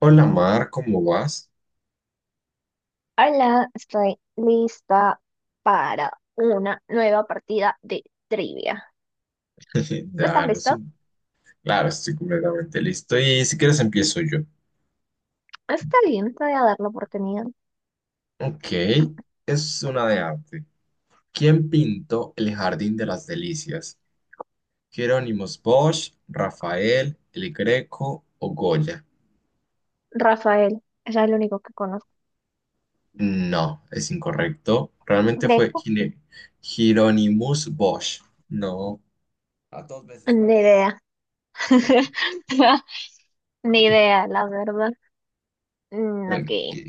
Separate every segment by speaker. Speaker 1: Hola Mar, ¿cómo vas?
Speaker 2: Hola, estoy lista para una nueva partida de trivia. ¿Tú estás
Speaker 1: Claro, es
Speaker 2: listo?
Speaker 1: un- claro, estoy completamente listo. Y si quieres empiezo yo.
Speaker 2: Está bien, te voy a dar la oportunidad.
Speaker 1: Ok, es una de arte. ¿Quién pintó el Jardín de las Delicias? ¿Jerónimos Bosch, Rafael, El Greco o Goya?
Speaker 2: Rafael, es el único que conozco.
Speaker 1: No, es incorrecto. Realmente fue
Speaker 2: Greco,
Speaker 1: Hieronymus Bosch. No. A dos veces falla.
Speaker 2: ni idea. Ni idea, la verdad. Mm,
Speaker 1: Ok.
Speaker 2: ok.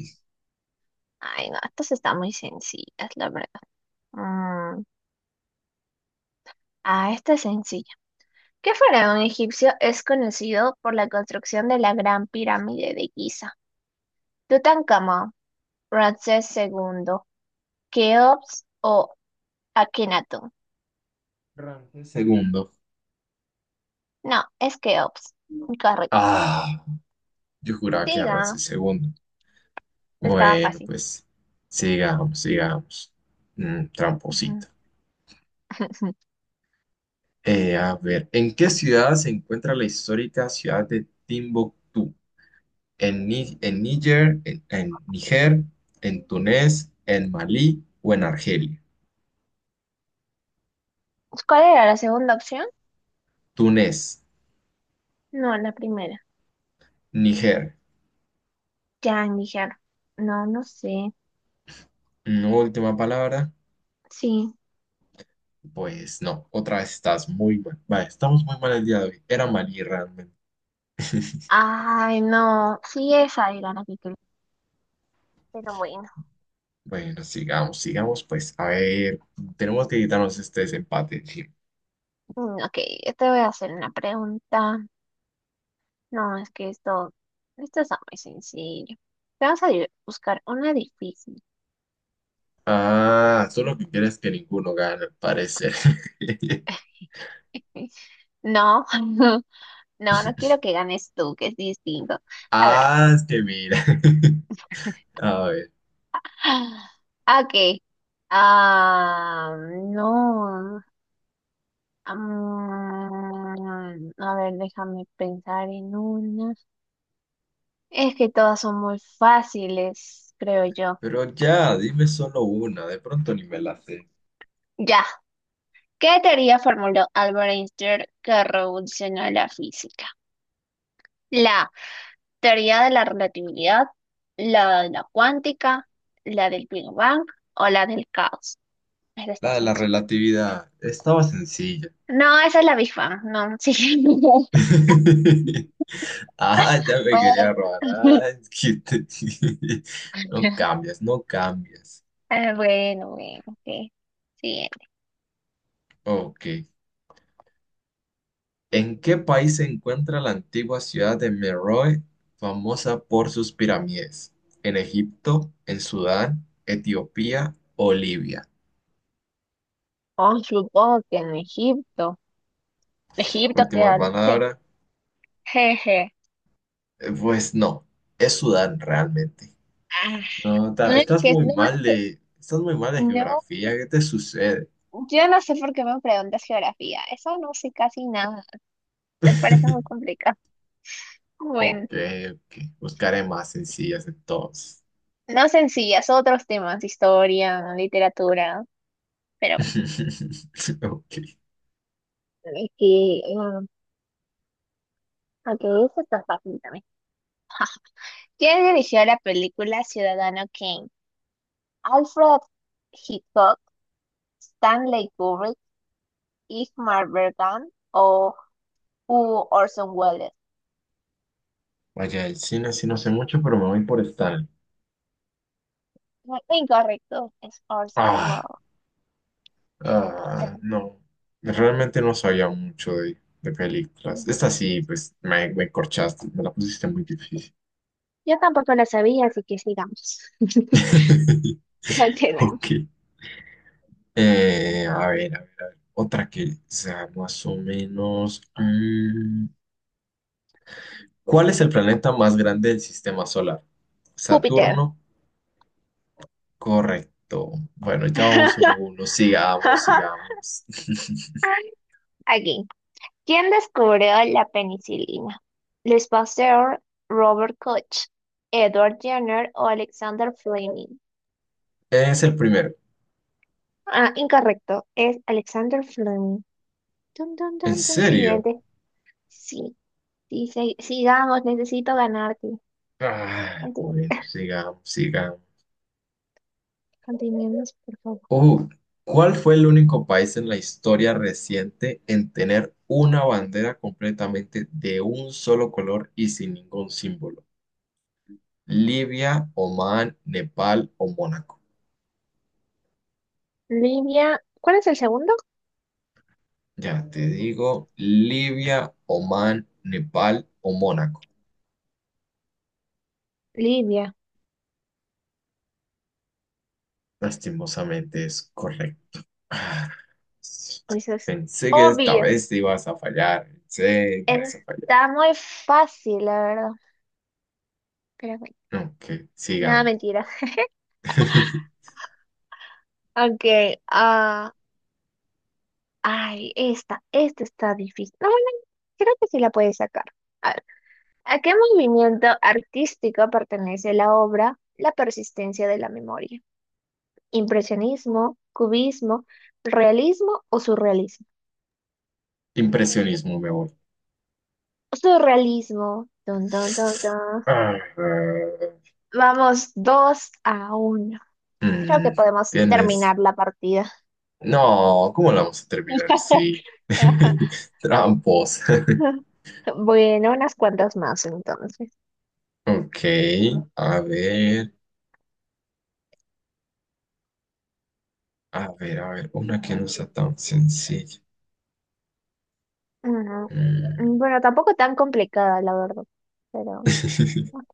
Speaker 2: Ay, no, estas están muy sencillas, la verdad. Mm, ah, esta es sencilla. ¿Qué faraón egipcio es conocido por la construcción de la Gran Pirámide de Giza? Tutankamón, Ramsés II, Keops o Akenaton.
Speaker 1: Ramsés segundo.
Speaker 2: No, es Keops. Correcto.
Speaker 1: Ah, yo juraba que era
Speaker 2: Siga,
Speaker 1: Ramsés segundo.
Speaker 2: estaba
Speaker 1: Bueno,
Speaker 2: fácil.
Speaker 1: pues sigamos, sigamos.
Speaker 2: Ujú.
Speaker 1: Tramposito. A ver, ¿en qué ciudad se encuentra la histórica ciudad de Timbuktu? ¿En, Ni- en Níger, en Túnez, en Malí o en Argelia?
Speaker 2: ¿Cuál era la segunda opción?
Speaker 1: Túnez,
Speaker 2: No, la primera.
Speaker 1: Níger.
Speaker 2: Ya, Níger. No, no sé.
Speaker 1: No, última palabra.
Speaker 2: Sí.
Speaker 1: Pues no, otra vez estás muy mal. Vale, estamos muy mal el día de hoy. Era Malí realmente.
Speaker 2: Ay, no. Sí, esa era la que quería. Pero bueno.
Speaker 1: Bueno, sigamos, sigamos, pues. A ver, tenemos que quitarnos este desempate. Sí.
Speaker 2: Ok, yo te voy a hacer una pregunta. No, es que esto está muy sencillo. Vamos a buscar una difícil.
Speaker 1: Ah,
Speaker 2: Ujú.
Speaker 1: solo que quieres que ninguno gane, al parecer.
Speaker 2: No. No, no quiero que ganes tú, que es distinto. A ver.
Speaker 1: Ah, es que mira. A ver,
Speaker 2: Ok. Ah, no. A ver, déjame pensar en una. Es que todas son muy fáciles, creo yo.
Speaker 1: pero ya, dime solo una, de pronto ni me la sé.
Speaker 2: Ya. ¿Qué teoría formuló Albert Einstein que revolucionó la física? La teoría de la relatividad, la de la cuántica, la del Big Bang o la del caos. Esta está
Speaker 1: La de la
Speaker 2: sencilla.
Speaker 1: relatividad, estaba sencilla.
Speaker 2: No, esa es la Big Bang, no, sí.
Speaker 1: Ah, ya me quería
Speaker 2: Bueno,
Speaker 1: robar. Ah, es que te- No cambias, no cambias.
Speaker 2: ah, bueno, bueno, ok. Siguiente.
Speaker 1: Ok. ¿En qué país se encuentra la antigua ciudad de Meroe, famosa por sus pirámides? ¿En Egipto, en Sudán, Etiopía o Libia?
Speaker 2: Oh, supongo que en Egipto. Egipto
Speaker 1: Última
Speaker 2: queda, sí.
Speaker 1: palabra.
Speaker 2: Jeje.
Speaker 1: Pues no, es Sudán realmente.
Speaker 2: Ah,
Speaker 1: No,
Speaker 2: no, es
Speaker 1: estás
Speaker 2: que
Speaker 1: muy
Speaker 2: no,
Speaker 1: mal de, estás muy mal de
Speaker 2: no,
Speaker 1: geografía. ¿Qué te sucede?
Speaker 2: yo no sé por qué me preguntas geografía. Eso no sé casi nada. Me parece muy complicado. Bueno,
Speaker 1: Ok, ok. Buscaré más sencillas entonces.
Speaker 2: no sencillas, otros temas, historia, literatura, pero
Speaker 1: Ok.
Speaker 2: bueno, es que, ah, aunque eso está fácil también. ¿Quién dirigió la película Ciudadano Kane? Alfred Hitchcock, Stanley Kubrick, Ingmar Bergman o u Orson Welles.
Speaker 1: Vaya, el cine sí no sé mucho, pero me voy por Stanley.
Speaker 2: Incorrecto, es Orson
Speaker 1: Ah.
Speaker 2: Welles. ¿Cómo se
Speaker 1: Ah,
Speaker 2: pronuncia?
Speaker 1: no, realmente no sabía mucho de películas. Esta sí, pues me corchaste, me la pusiste muy difícil.
Speaker 2: Yo tampoco la sabía, así que sigamos. No tiene.
Speaker 1: Ok. A ver, a ver, a ver. Otra que sea más o menos. ¿Cuál es el planeta más grande del sistema solar?
Speaker 2: Júpiter.
Speaker 1: Saturno, correcto. Bueno, ya vamos uno a uno. Sigamos, sigamos.
Speaker 2: Aquí. ¿Quién descubrió la penicilina? Luis Pasteur, Robert Koch, Edward Jenner o Alexander Fleming.
Speaker 1: Es el primero.
Speaker 2: Ah, incorrecto. Es Alexander Fleming. Dun, dun,
Speaker 1: ¿En
Speaker 2: dun, dun.
Speaker 1: serio?
Speaker 2: Siguiente. Sí, sí, sí, sigamos, necesito ganarte.
Speaker 1: Ah,
Speaker 2: Continu-
Speaker 1: bueno, sigamos, sigamos.
Speaker 2: Continuemos, por favor.
Speaker 1: Ojo, ¿cuál fue el único país en la historia reciente en tener una bandera completamente de un solo color y sin ningún símbolo? ¿Libia, Omán, Nepal o Mónaco?
Speaker 2: Libia, ¿cuál es el segundo?
Speaker 1: Ya te digo, Libia, Omán, Nepal o Mónaco.
Speaker 2: Libia.
Speaker 1: Lastimosamente es correcto. Ah,
Speaker 2: Eso es
Speaker 1: pensé que esta
Speaker 2: obvio.
Speaker 1: vez te ibas a fallar. Pensé que ibas a fallar.
Speaker 2: Está muy fácil, la verdad. Pero bueno,
Speaker 1: Ok,
Speaker 2: nada,
Speaker 1: sigamos.
Speaker 2: mentira. Ok, ah, ay, esta está difícil. No, bueno, creo que sí la puedes sacar. A ver, ¿a qué movimiento artístico pertenece la obra La persistencia de la memoria? Impresionismo, cubismo, realismo o surrealismo.
Speaker 1: Impresionismo, me voy.
Speaker 2: Surrealismo. Dun, dun, dun, dun.
Speaker 1: Ah,
Speaker 2: Vamos 2-1. Creo que
Speaker 1: mm,
Speaker 2: podemos
Speaker 1: tienes.
Speaker 2: terminar la partida.
Speaker 1: No, ¿cómo la vamos a terminar? Sí. Trampos.
Speaker 2: Bueno, unas cuantas más entonces.
Speaker 1: Ok, a ver, a ver, a ver, una que no sea tan sencilla.
Speaker 2: Ujú.
Speaker 1: Mm.
Speaker 2: Bueno, tampoco tan complicada, la verdad. Pero. Bueno.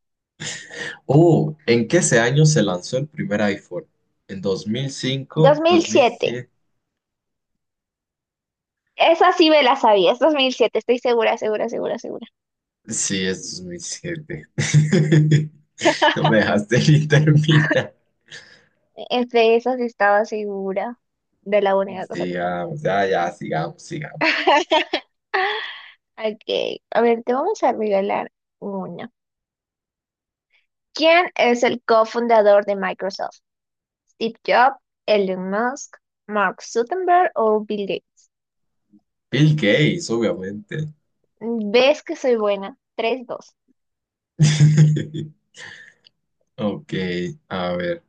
Speaker 1: Oh, ¿en qué ese año se lanzó el primer iPhone? ¿En dos mil cinco, dos mil
Speaker 2: 2007.
Speaker 1: siete.
Speaker 2: Esa sí me la sabía. Es 2007. Estoy segura, segura, segura, segura.
Speaker 1: Sí, es 2007. No me dejaste ni terminar.
Speaker 2: Es de esas estaba segura de la única cosa que estaba.
Speaker 1: Sigamos, ya, ya, sigamos, sigamos.
Speaker 2: Ok, a ver, te vamos a regalar uno. ¿Quién es el cofundador de Microsoft? ¿Steve Jobs, Elon Musk, Mark Zuckerberg o Bill Gates?
Speaker 1: Bill Gates, obviamente.
Speaker 2: ¿Ves que soy buena? 3-2. Ok.
Speaker 1: Ok, a ver.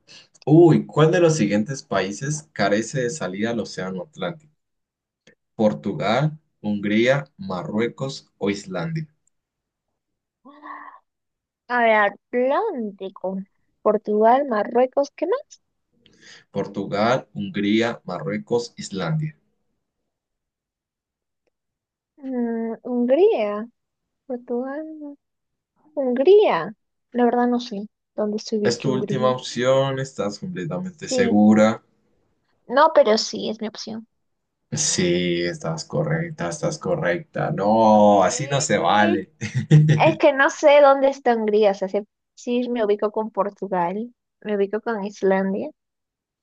Speaker 1: Uy, ¿cuál de los siguientes países carece de salida al Océano Atlántico? ¿Portugal, Hungría, Marruecos o Islandia?
Speaker 2: A ver, Atlántico. Portugal, Marruecos, ¿qué más?
Speaker 1: Portugal, Hungría, Marruecos, Islandia.
Speaker 2: Hungría. Portugal, no. Hungría. La verdad no sé dónde se
Speaker 1: ¿Es
Speaker 2: ubique
Speaker 1: tu última
Speaker 2: Hungría.
Speaker 1: opción? ¿Estás completamente
Speaker 2: Sí.
Speaker 1: segura?
Speaker 2: No, pero sí, es mi opción.
Speaker 1: Sí, estás correcta, estás correcta. No, así no se
Speaker 2: Sí.
Speaker 1: vale.
Speaker 2: Es que no sé dónde está Hungría, o sea, sí, sí me ubico con Portugal, me ubico con Islandia.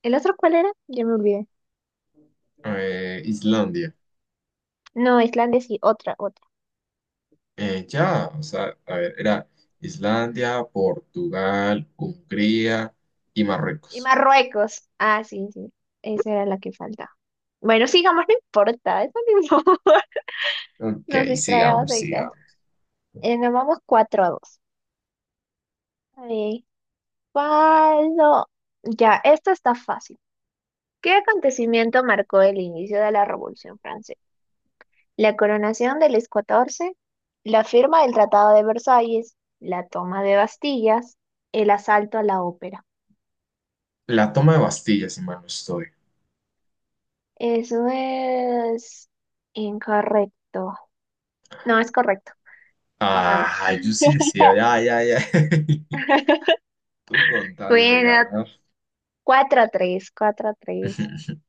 Speaker 2: ¿El otro cuál era? Ya me olvidé.
Speaker 1: Islandia.
Speaker 2: No, Islandia sí, otra, otra.
Speaker 1: Ya, o sea, a ver, era Islandia, Portugal, Hungría y
Speaker 2: Y
Speaker 1: Marruecos.
Speaker 2: Marruecos. Ah, sí, sí, esa era la que faltaba. Bueno, sigamos, no importa, eso no importa.
Speaker 1: Ok,
Speaker 2: Nos distraemos
Speaker 1: sigamos,
Speaker 2: de casa.
Speaker 1: sigamos.
Speaker 2: Nos vamos 4 a 2. A ver, ¿cuál no? Ya, esto está fácil. ¿Qué acontecimiento marcó el inicio de la Revolución Francesa? La coronación de Luis XIV, la firma del Tratado de Versalles, la toma de Bastillas, el asalto a la ópera.
Speaker 1: La toma de Bastilla, si mal no estoy.
Speaker 2: Eso es incorrecto. No, es correcto. Sigamos.
Speaker 1: Ah, yo sí decía, ya, ya, ya. Tú con tal de
Speaker 2: Bueno,
Speaker 1: ganar.
Speaker 2: 4 a 3, 4 a 3.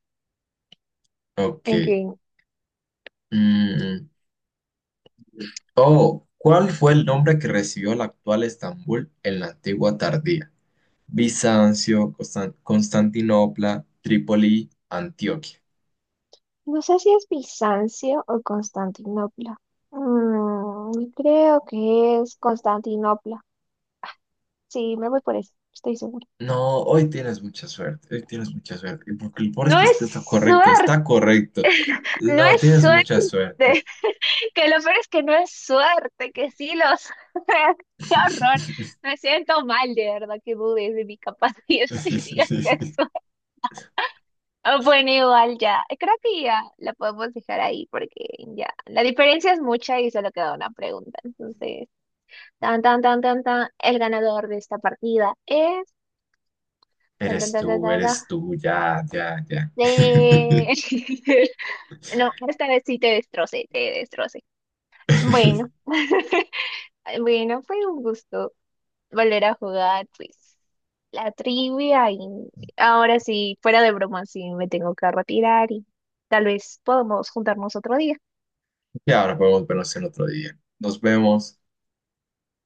Speaker 1: Ok.
Speaker 2: En fin,
Speaker 1: Mm, Oh, ¿cuál fue el nombre que recibió la actual Estambul en la antigua Tardía? Bizancio, Constantinopla, Trípoli, Antioquia.
Speaker 2: no sé si es Bizancio o Constantinopla. Creo que es Constantinopla. Sí, me voy por eso, estoy segura.
Speaker 1: No, hoy tienes mucha suerte, hoy tienes mucha suerte. Y porque el pobre es
Speaker 2: No
Speaker 1: que es
Speaker 2: es
Speaker 1: que está correcto,
Speaker 2: suerte.
Speaker 1: está correcto.
Speaker 2: No
Speaker 1: No,
Speaker 2: es
Speaker 1: tienes mucha
Speaker 2: suerte,
Speaker 1: suerte.
Speaker 2: que lo peor es que no es suerte, que sí los... ¡Qué horror! Me siento mal, de verdad, que dudes de mi capacidad y digas que es suerte. Ah, bueno, igual ya, creo que ya la podemos dejar ahí porque ya, la diferencia es mucha y solo queda una pregunta. Entonces, tan, tan, tan, tan, tan, el ganador de esta partida es... Tan, tan, tan, tan, tan, tan,
Speaker 1: Eres tú, ya, ya, ya.
Speaker 2: de... No, esta vez sí te destrocé, te destrocé. Bueno. Bueno, fue un gusto volver a jugar, pues, la trivia y ahora sí, fuera de broma, sí, me tengo que retirar y tal vez podamos juntarnos otro día.
Speaker 1: Y ahora podemos vernos en otro día. Nos vemos.